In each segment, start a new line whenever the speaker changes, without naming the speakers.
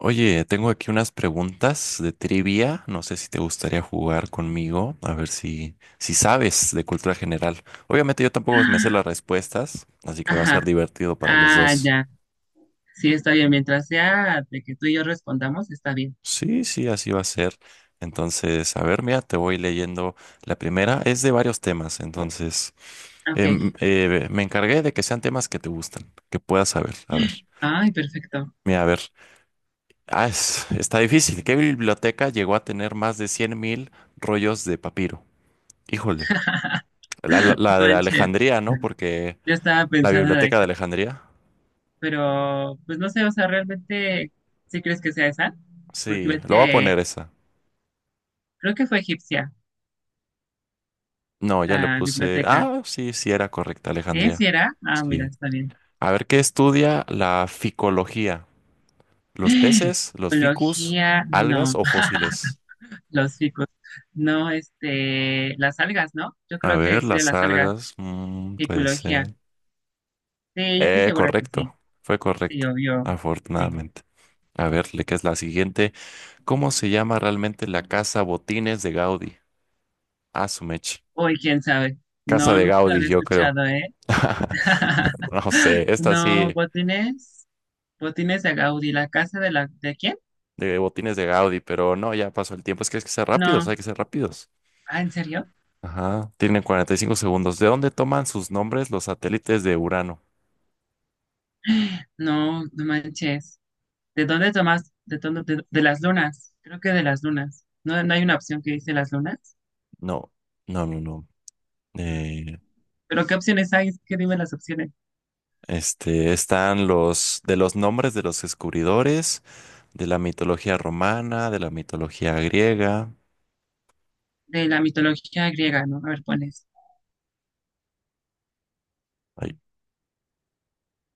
Oye, tengo aquí unas preguntas de trivia. No sé si te gustaría jugar conmigo, a ver si sabes de cultura general. Obviamente yo tampoco me sé las respuestas, así que va a
Ajá,
ser divertido para los
ah,
dos.
ya, sí, está bien. Mientras sea de que tú y yo respondamos, está bien.
Sí, sí, así va a ser. Entonces, a ver, mira, te voy leyendo. La primera es de varios temas, entonces
Ok.
me encargué de que sean temas que te gustan, que puedas saber. A ver,
Ay, perfecto.
mira, a ver. Está difícil. ¿Qué biblioteca llegó a tener más de 100.000 rollos de papiro? Híjole, la, la- la de la
Manche.
Alejandría, ¿no? Porque
Yo estaba
la
pensando en la de
biblioteca de
Hannah,
Alejandría.
pero pues no sé, o sea, realmente sí crees que sea esa, porque
Sí,
ves
lo voy a
que
poner esa.
creo que fue egipcia
No, ya le
la
puse.
biblioteca.
Ah, sí, sí era correcta,
¿Eh?
Alejandría.
¿Sí era? Ah, mira,
Sí.
está bien.
A ver, ¿qué estudia la ficología? ¿Los peces, los ficus,
Ecología,
algas
no,
o fósiles?
los ficus, no, este, las algas, ¿no? Yo
A
creo que
ver,
estudia
las
las algas,
algas. Puede
ecología.
ser.
Sí, yo estoy segura que sí.
Correcto. Fue
Sí,
correcto,
obvio. Sí.
afortunadamente. A ver, ¿le ¿qué es la siguiente? ¿Cómo se llama realmente la casa Botines de Gaudí? Ah, su mecha.
Uy, quién sabe.
Casa
No,
de
nunca lo
Gaudí,
había
yo creo.
escuchado, ¿eh?
No sé, esta
No,
sí,
Botines. Botines de Gaudí. ¿La casa de la de quién?
de botines de Gaudí, pero no, ya pasó el tiempo. Es que hay que ser rápidos,
No.
hay que ser rápidos.
Ah, ¿en serio?
Ajá, tienen 45 segundos. ¿De dónde toman sus nombres los satélites de Urano?
No, no manches. ¿De dónde tomas? ¿De dónde? De las lunas. Creo que de las lunas. ¿No, no hay una opción que dice las lunas?
No, no, no, no. Eh,
¿Pero qué opciones hay? Es que dime las opciones.
este, están los de los nombres de los descubridores, de la mitología romana, de la mitología griega.
De la mitología griega, ¿no? A ver, pones.
Ay,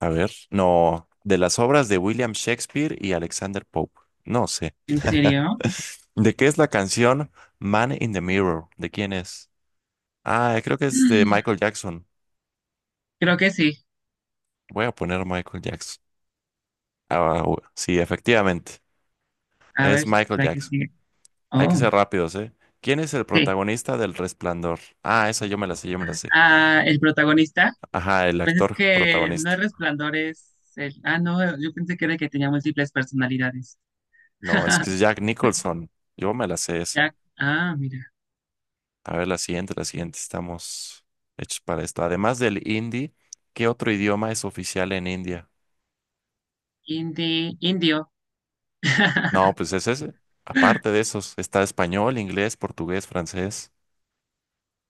a ver, no, de las obras de William Shakespeare y Alexander Pope. No sé.
¿En serio?
¿De qué es la canción Man in the Mirror? ¿De quién es? Ah, creo que es de Michael Jackson.
Creo que sí.
Voy a poner Michael Jackson. Sí, efectivamente.
A ver,
Es Michael
la que
Jackson.
sigue.
Hay que
Oh.
ser rápidos, ¿eh? ¿Quién es el
Sí.
protagonista del Resplandor? Ah, esa yo me la sé, yo me la sé.
Ah, el protagonista,
Ajá, el
pues es
actor
que no
protagonista.
es Resplandor, es el... Ah, no, yo pensé que era el que tenía múltiples personalidades.
No, es que es Jack Nicholson. Yo me la sé esa.
Jack, ah, mira.
A ver, la siguiente, la siguiente. Estamos hechos para esto. Además del hindi, ¿qué otro idioma es oficial en India?
Indi, indio.
No, pues ese es, aparte de esos, está español, inglés, portugués, francés,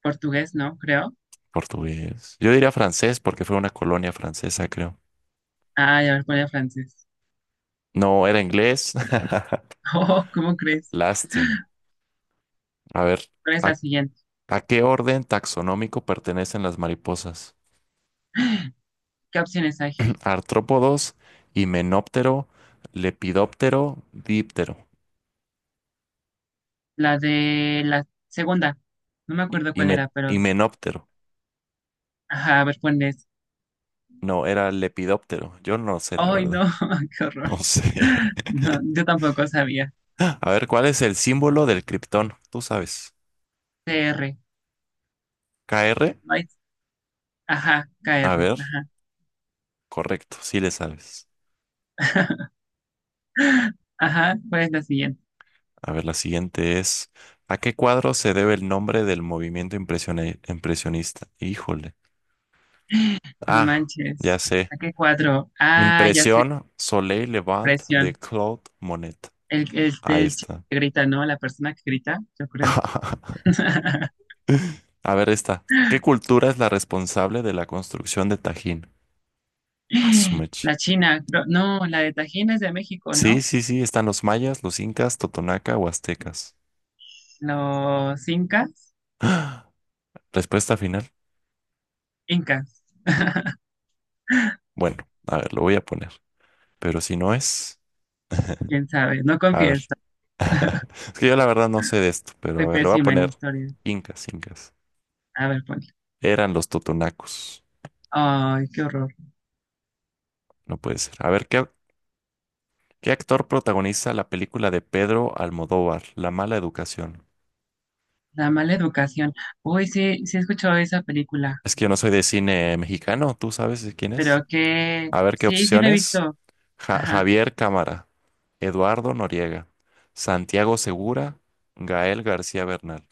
Portugués, ¿no? Creo.
portugués. Yo diría francés porque fue una colonia francesa, creo.
Ah, ya me ponía francés.
No, era inglés.
Oh, ¿cómo crees?
Lástimo. A ver,
¿Cuál es
¿a,
la siguiente?
a qué orden taxonómico pertenecen las mariposas?
¿Qué opciones hay?
Artrópodos, himenóptero, lepidóptero, díptero.
La de la segunda. No me acuerdo cuál era, pero...
Himenóptero.
Ajá, a ver, ponles.
No, era lepidóptero. Yo no sé, la
Ay, no,
verdad.
qué horror.
No sé.
No, yo tampoco sabía.
A ver, ¿cuál es el símbolo del criptón? Tú sabes.
Cr
K r.
No hay- Ajá, Kr
A ver,
Ajá.
correcto, sí le sabes.
Ajá, ¿cuál es la siguiente?
A ver, la siguiente es, ¿a qué cuadro se debe el nombre del movimiento impresionista? Híjole.
No
Ah, ya
manches.
sé.
¿A qué cuadro? Ah, ya sé,
Impresión Soleil Levant de
presión.
Claude Monet.
El, el,
Ahí
el chico
está.
que grita, ¿no? La persona que grita, yo creo.
A ver, esta. ¿Qué cultura es la responsable de la construcción de Tajín? Azumech.
La China, creo- no, la de Tajín es de México,
Sí,
¿no?
sí, sí, están los mayas, los incas, totonaca o aztecas.
Los incas,
Respuesta final.
incas,
Bueno, a ver, lo voy a poner. Pero si no es...
quién sabe, no
A
confieso,
ver. Es que yo la verdad no sé de esto, pero
soy
a ver, le voy a
pésima en
poner
historia.
incas, incas.
A ver, ponle.
Eran los totonacos.
Ay, qué horror.
No puede ser. A ver, ¿qué, qué actor protagoniza la película de Pedro Almodóvar, La mala educación?
La mala educación. Uy, sí, sí he escuchado esa película,
Es que yo no soy de cine mexicano, ¿tú sabes de quién es?
pero que
A ver, ¿qué
sí, sí la he
opciones?
visto. Ajá,
Javier Cámara, Eduardo Noriega, Santiago Segura, Gael García Bernal.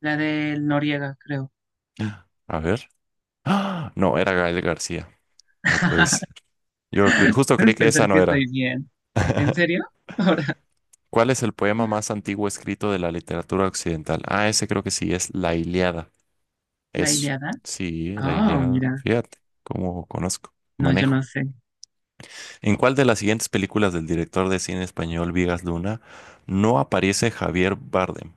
la del Noriega, creo.
Ah. A ver. ¡Ah! No, era Gael García. No puede ser. Justo creí
Puedes
que
pensar
esa
que
no
estoy
era.
bien. ¿En serio? Ahora,
¿Cuál es el poema más antiguo escrito de la literatura occidental? Ah, ese creo que sí, es La Ilíada.
la
Eso.
Ilíada.
Sí, La
Oh,
Ilíada.
mira.
Fíjate cómo conozco,
No, yo no
manejo.
sé.
¿En cuál de las siguientes películas del director de cine español Vigas Luna no aparece Javier Bardem?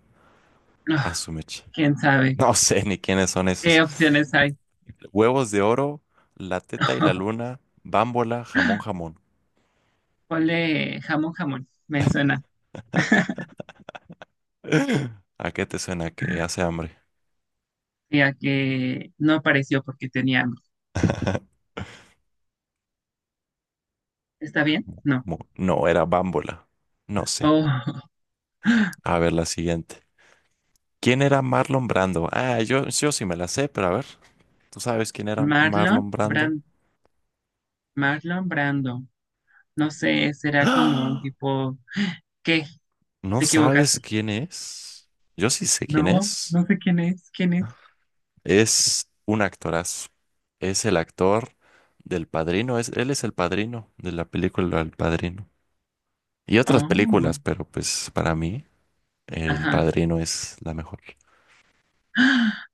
A
Ah,
su mecha.
quién sabe.
No sé ni quiénes son
¿Qué
esos.
opciones hay?
Huevos de oro, La teta y la luna, Bámbola, jamón, jamón.
Ponle jamón, jamón. Me suena.
¿A qué te suena que hace hambre?
Ya que no apareció porque tenía hambre.
Jamón.
¿Está bien? No.
Jamón. No, era bámbola. No sé.
Oh,
A ver, la siguiente. ¿Quién era Marlon Brando? Ah, yo sí me la sé, pero a ver, ¿tú sabes quién era
Marlon
Marlon Brando?
Brand, Marlon Brando. No sé, será como un
¡Ah!
tipo. ¿Qué?
¿No
¿Te equivocas?
sabes quién es? Yo sí sé quién
No,
es.
no sé quién es. ¿Quién es?
Es un actorazo. Es el actor del Padrino. Es, él es el padrino de la película El Padrino. Y otras
Oh,
películas, pero pues para mí El
ajá.
Padrino es la mejor.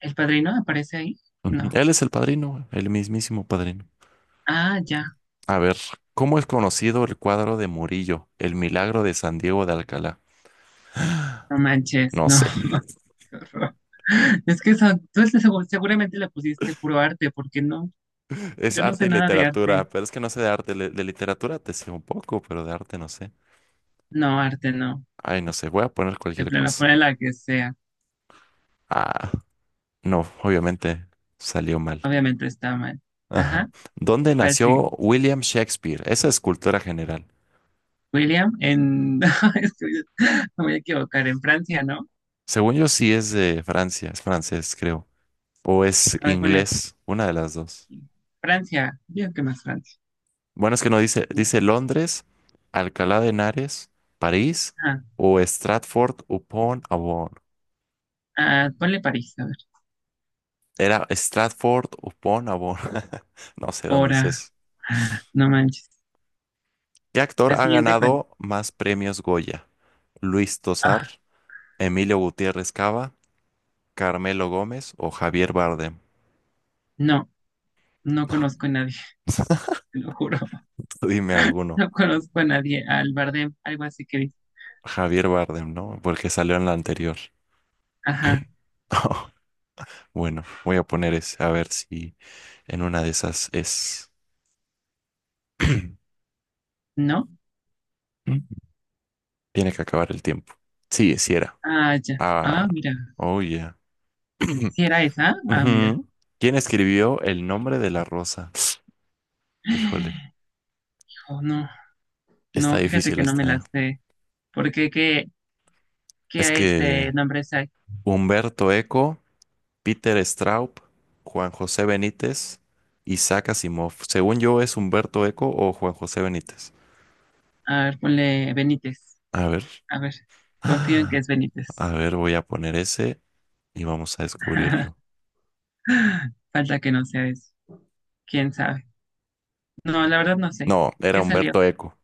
¿El padrino aparece ahí?
Ujú.
No.
Él es el padrino, el mismísimo padrino.
Ah, ya.
A ver, ¿cómo es conocido el cuadro de Murillo, El milagro de San Diego de Alcalá?
No manches,
No
no.
sé.
Es que son, tú es- segu- seguramente le pusiste puro arte, porque no,
Es
yo no
arte
sé
y
nada de arte.
literatura, pero es que no sé de arte. De literatura te sé un poco, pero de arte no sé.
No, arte no.
Ay, no sé, voy a poner
De
cualquier
plano,
cosa.
ponle la que sea.
Ah, no, obviamente salió mal.
Obviamente está mal.
Ajá.
Ajá.
¿Dónde
¿Cuál sigue?
nació William Shakespeare? Esa es cultura general.
William en. es que Me voy a equivocar. En Francia, ¿no?
Según yo sí es de Francia, es francés, creo. O es
A ver, ponle
inglés, una de las dos.
Francia. Digo que más Francia.
Bueno, es que no dice, dice Londres, Alcalá de Henares, París
Ajá.
o Stratford upon Avon.
Ah, ponle París, a ver.
Era Stratford upon Avon. No sé dónde es
Ahora.
eso.
Ah, no manches.
¿Qué
La
actor ha
siguiente, ¿cuál?
ganado más premios Goya? ¿Luis Tosar,
Ah,
Emilio Gutiérrez Cava, Carmelo Gómez o Javier Bardem?
no. No conozco a nadie, te lo juro.
Tú dime alguno.
No conozco a nadie. Al Bardem, algo así que dice.
Javier Bardem, ¿no? Porque salió en la anterior.
Ajá,
Bueno, voy a poner ese, a ver si en una de esas es.
¿no?
Mm. Tiene que acabar el tiempo. Sí, sí era.
Ah, ya. Ah,
Ah,
mira.
oh yeah.
¿Si era esa? Ah, mira.
Ujú. ¿Quién escribió El nombre de la rosa? Híjole,
Oh, no,
está
no, fíjate
difícil
que no me
esta,
la
¿eh?
sé. ¿Por qué? ¿Qué,
Es
qué este
que
nombre hay?
Humberto Eco, Peter Straub, Juan José Benítez, Isaac Asimov. Según yo, es Humberto Eco o Juan José Benítez.
A ver, ponle Benítez.
A ver.
A ver, confío en que
Ah,
es
a
Benítez.
ver, voy a poner ese y vamos a descubrirlo.
Falta que no sea eso. ¿Quién sabe? No, la verdad no sé.
No, era
¿Qué
Humberto
salió?
Eco.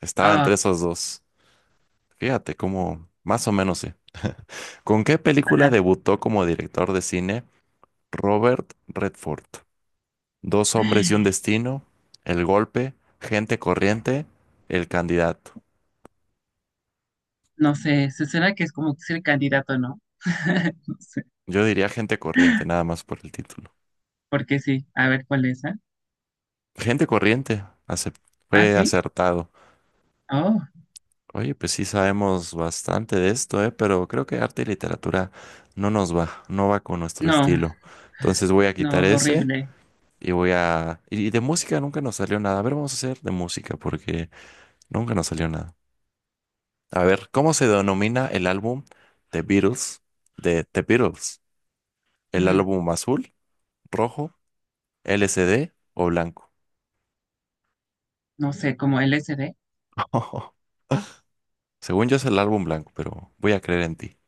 Estaba
Ah,
entre esos dos. Fíjate cómo, más o menos sí. ¿Con qué película
ajá.
debutó como director de cine Robert Redford? Dos hombres y un destino, El golpe, Gente corriente, El candidato.
No sé, se suena que es como que es el candidato, ¿no? No sé.
Yo diría Gente corriente, nada más por el título.
Porque sí, a ver cuál es, ¿ah?
Gente corriente, acep-
¿Ah,
Fue
sí?
acertado.
Oh,
Oye, pues sí sabemos bastante de esto, ¿eh? Pero creo que arte y literatura no nos va, no va con nuestro
no,
estilo. Entonces voy a quitar
no,
ese.
horrible.
Y voy a... Y de música nunca nos salió nada. A ver, vamos a hacer de música porque nunca nos salió nada. A ver, ¿cómo se denomina el álbum The Beatles de The Beatles? ¿El
Ujú,
álbum azul, rojo, LCD o blanco?
no sé, como LSD.
Según yo es el álbum blanco, pero voy a creer en ti.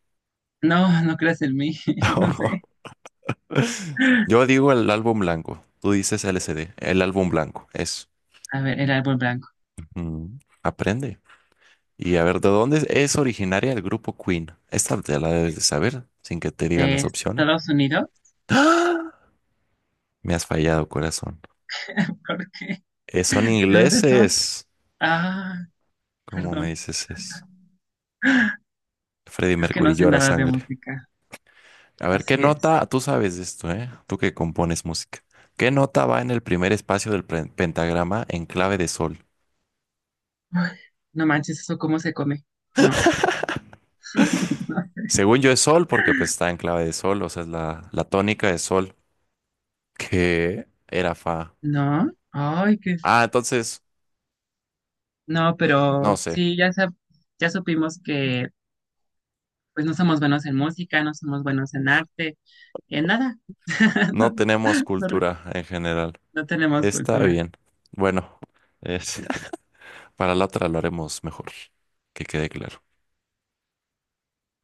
No, no creas en mí, no sé.
Yo digo el álbum blanco. Tú dices LCD. El álbum blanco. Eso.
A ver, el árbol blanco.
Aprende. Y a ver, ¿de dónde es originaria el grupo Queen? Esta te la debes de saber sin que te diga
¿De
las opciones.
Estados Unidos?
¡Ah! Me has fallado, corazón.
¿Por qué?
Son
¿De dónde son?
ingleses.
Ah,
¿Cómo me
perdón.
dices es? Freddie
Es que no
Mercury
sé
llora
nada de
sangre.
música.
A ver, ¿qué
Así es.
nota? Tú sabes de esto, ¿eh? Tú que compones música. ¿Qué nota va en el primer espacio del pentagrama en clave de sol?
Ay, no manches, ¿eso cómo se come? No.
Según yo es sol, porque pues está en clave de sol, o sea, es la tónica de sol, que era fa.
¿No? Ay, qué...
Ah, entonces,
No, pero
no sé,
sí, ya, sab- ya supimos que pues no somos buenos en música, no somos buenos en arte, en nada. No,
no tenemos
no
cultura en general.
no tenemos
Está
cultura.
bien. Bueno, es... Para la otra lo haremos mejor, que quede claro.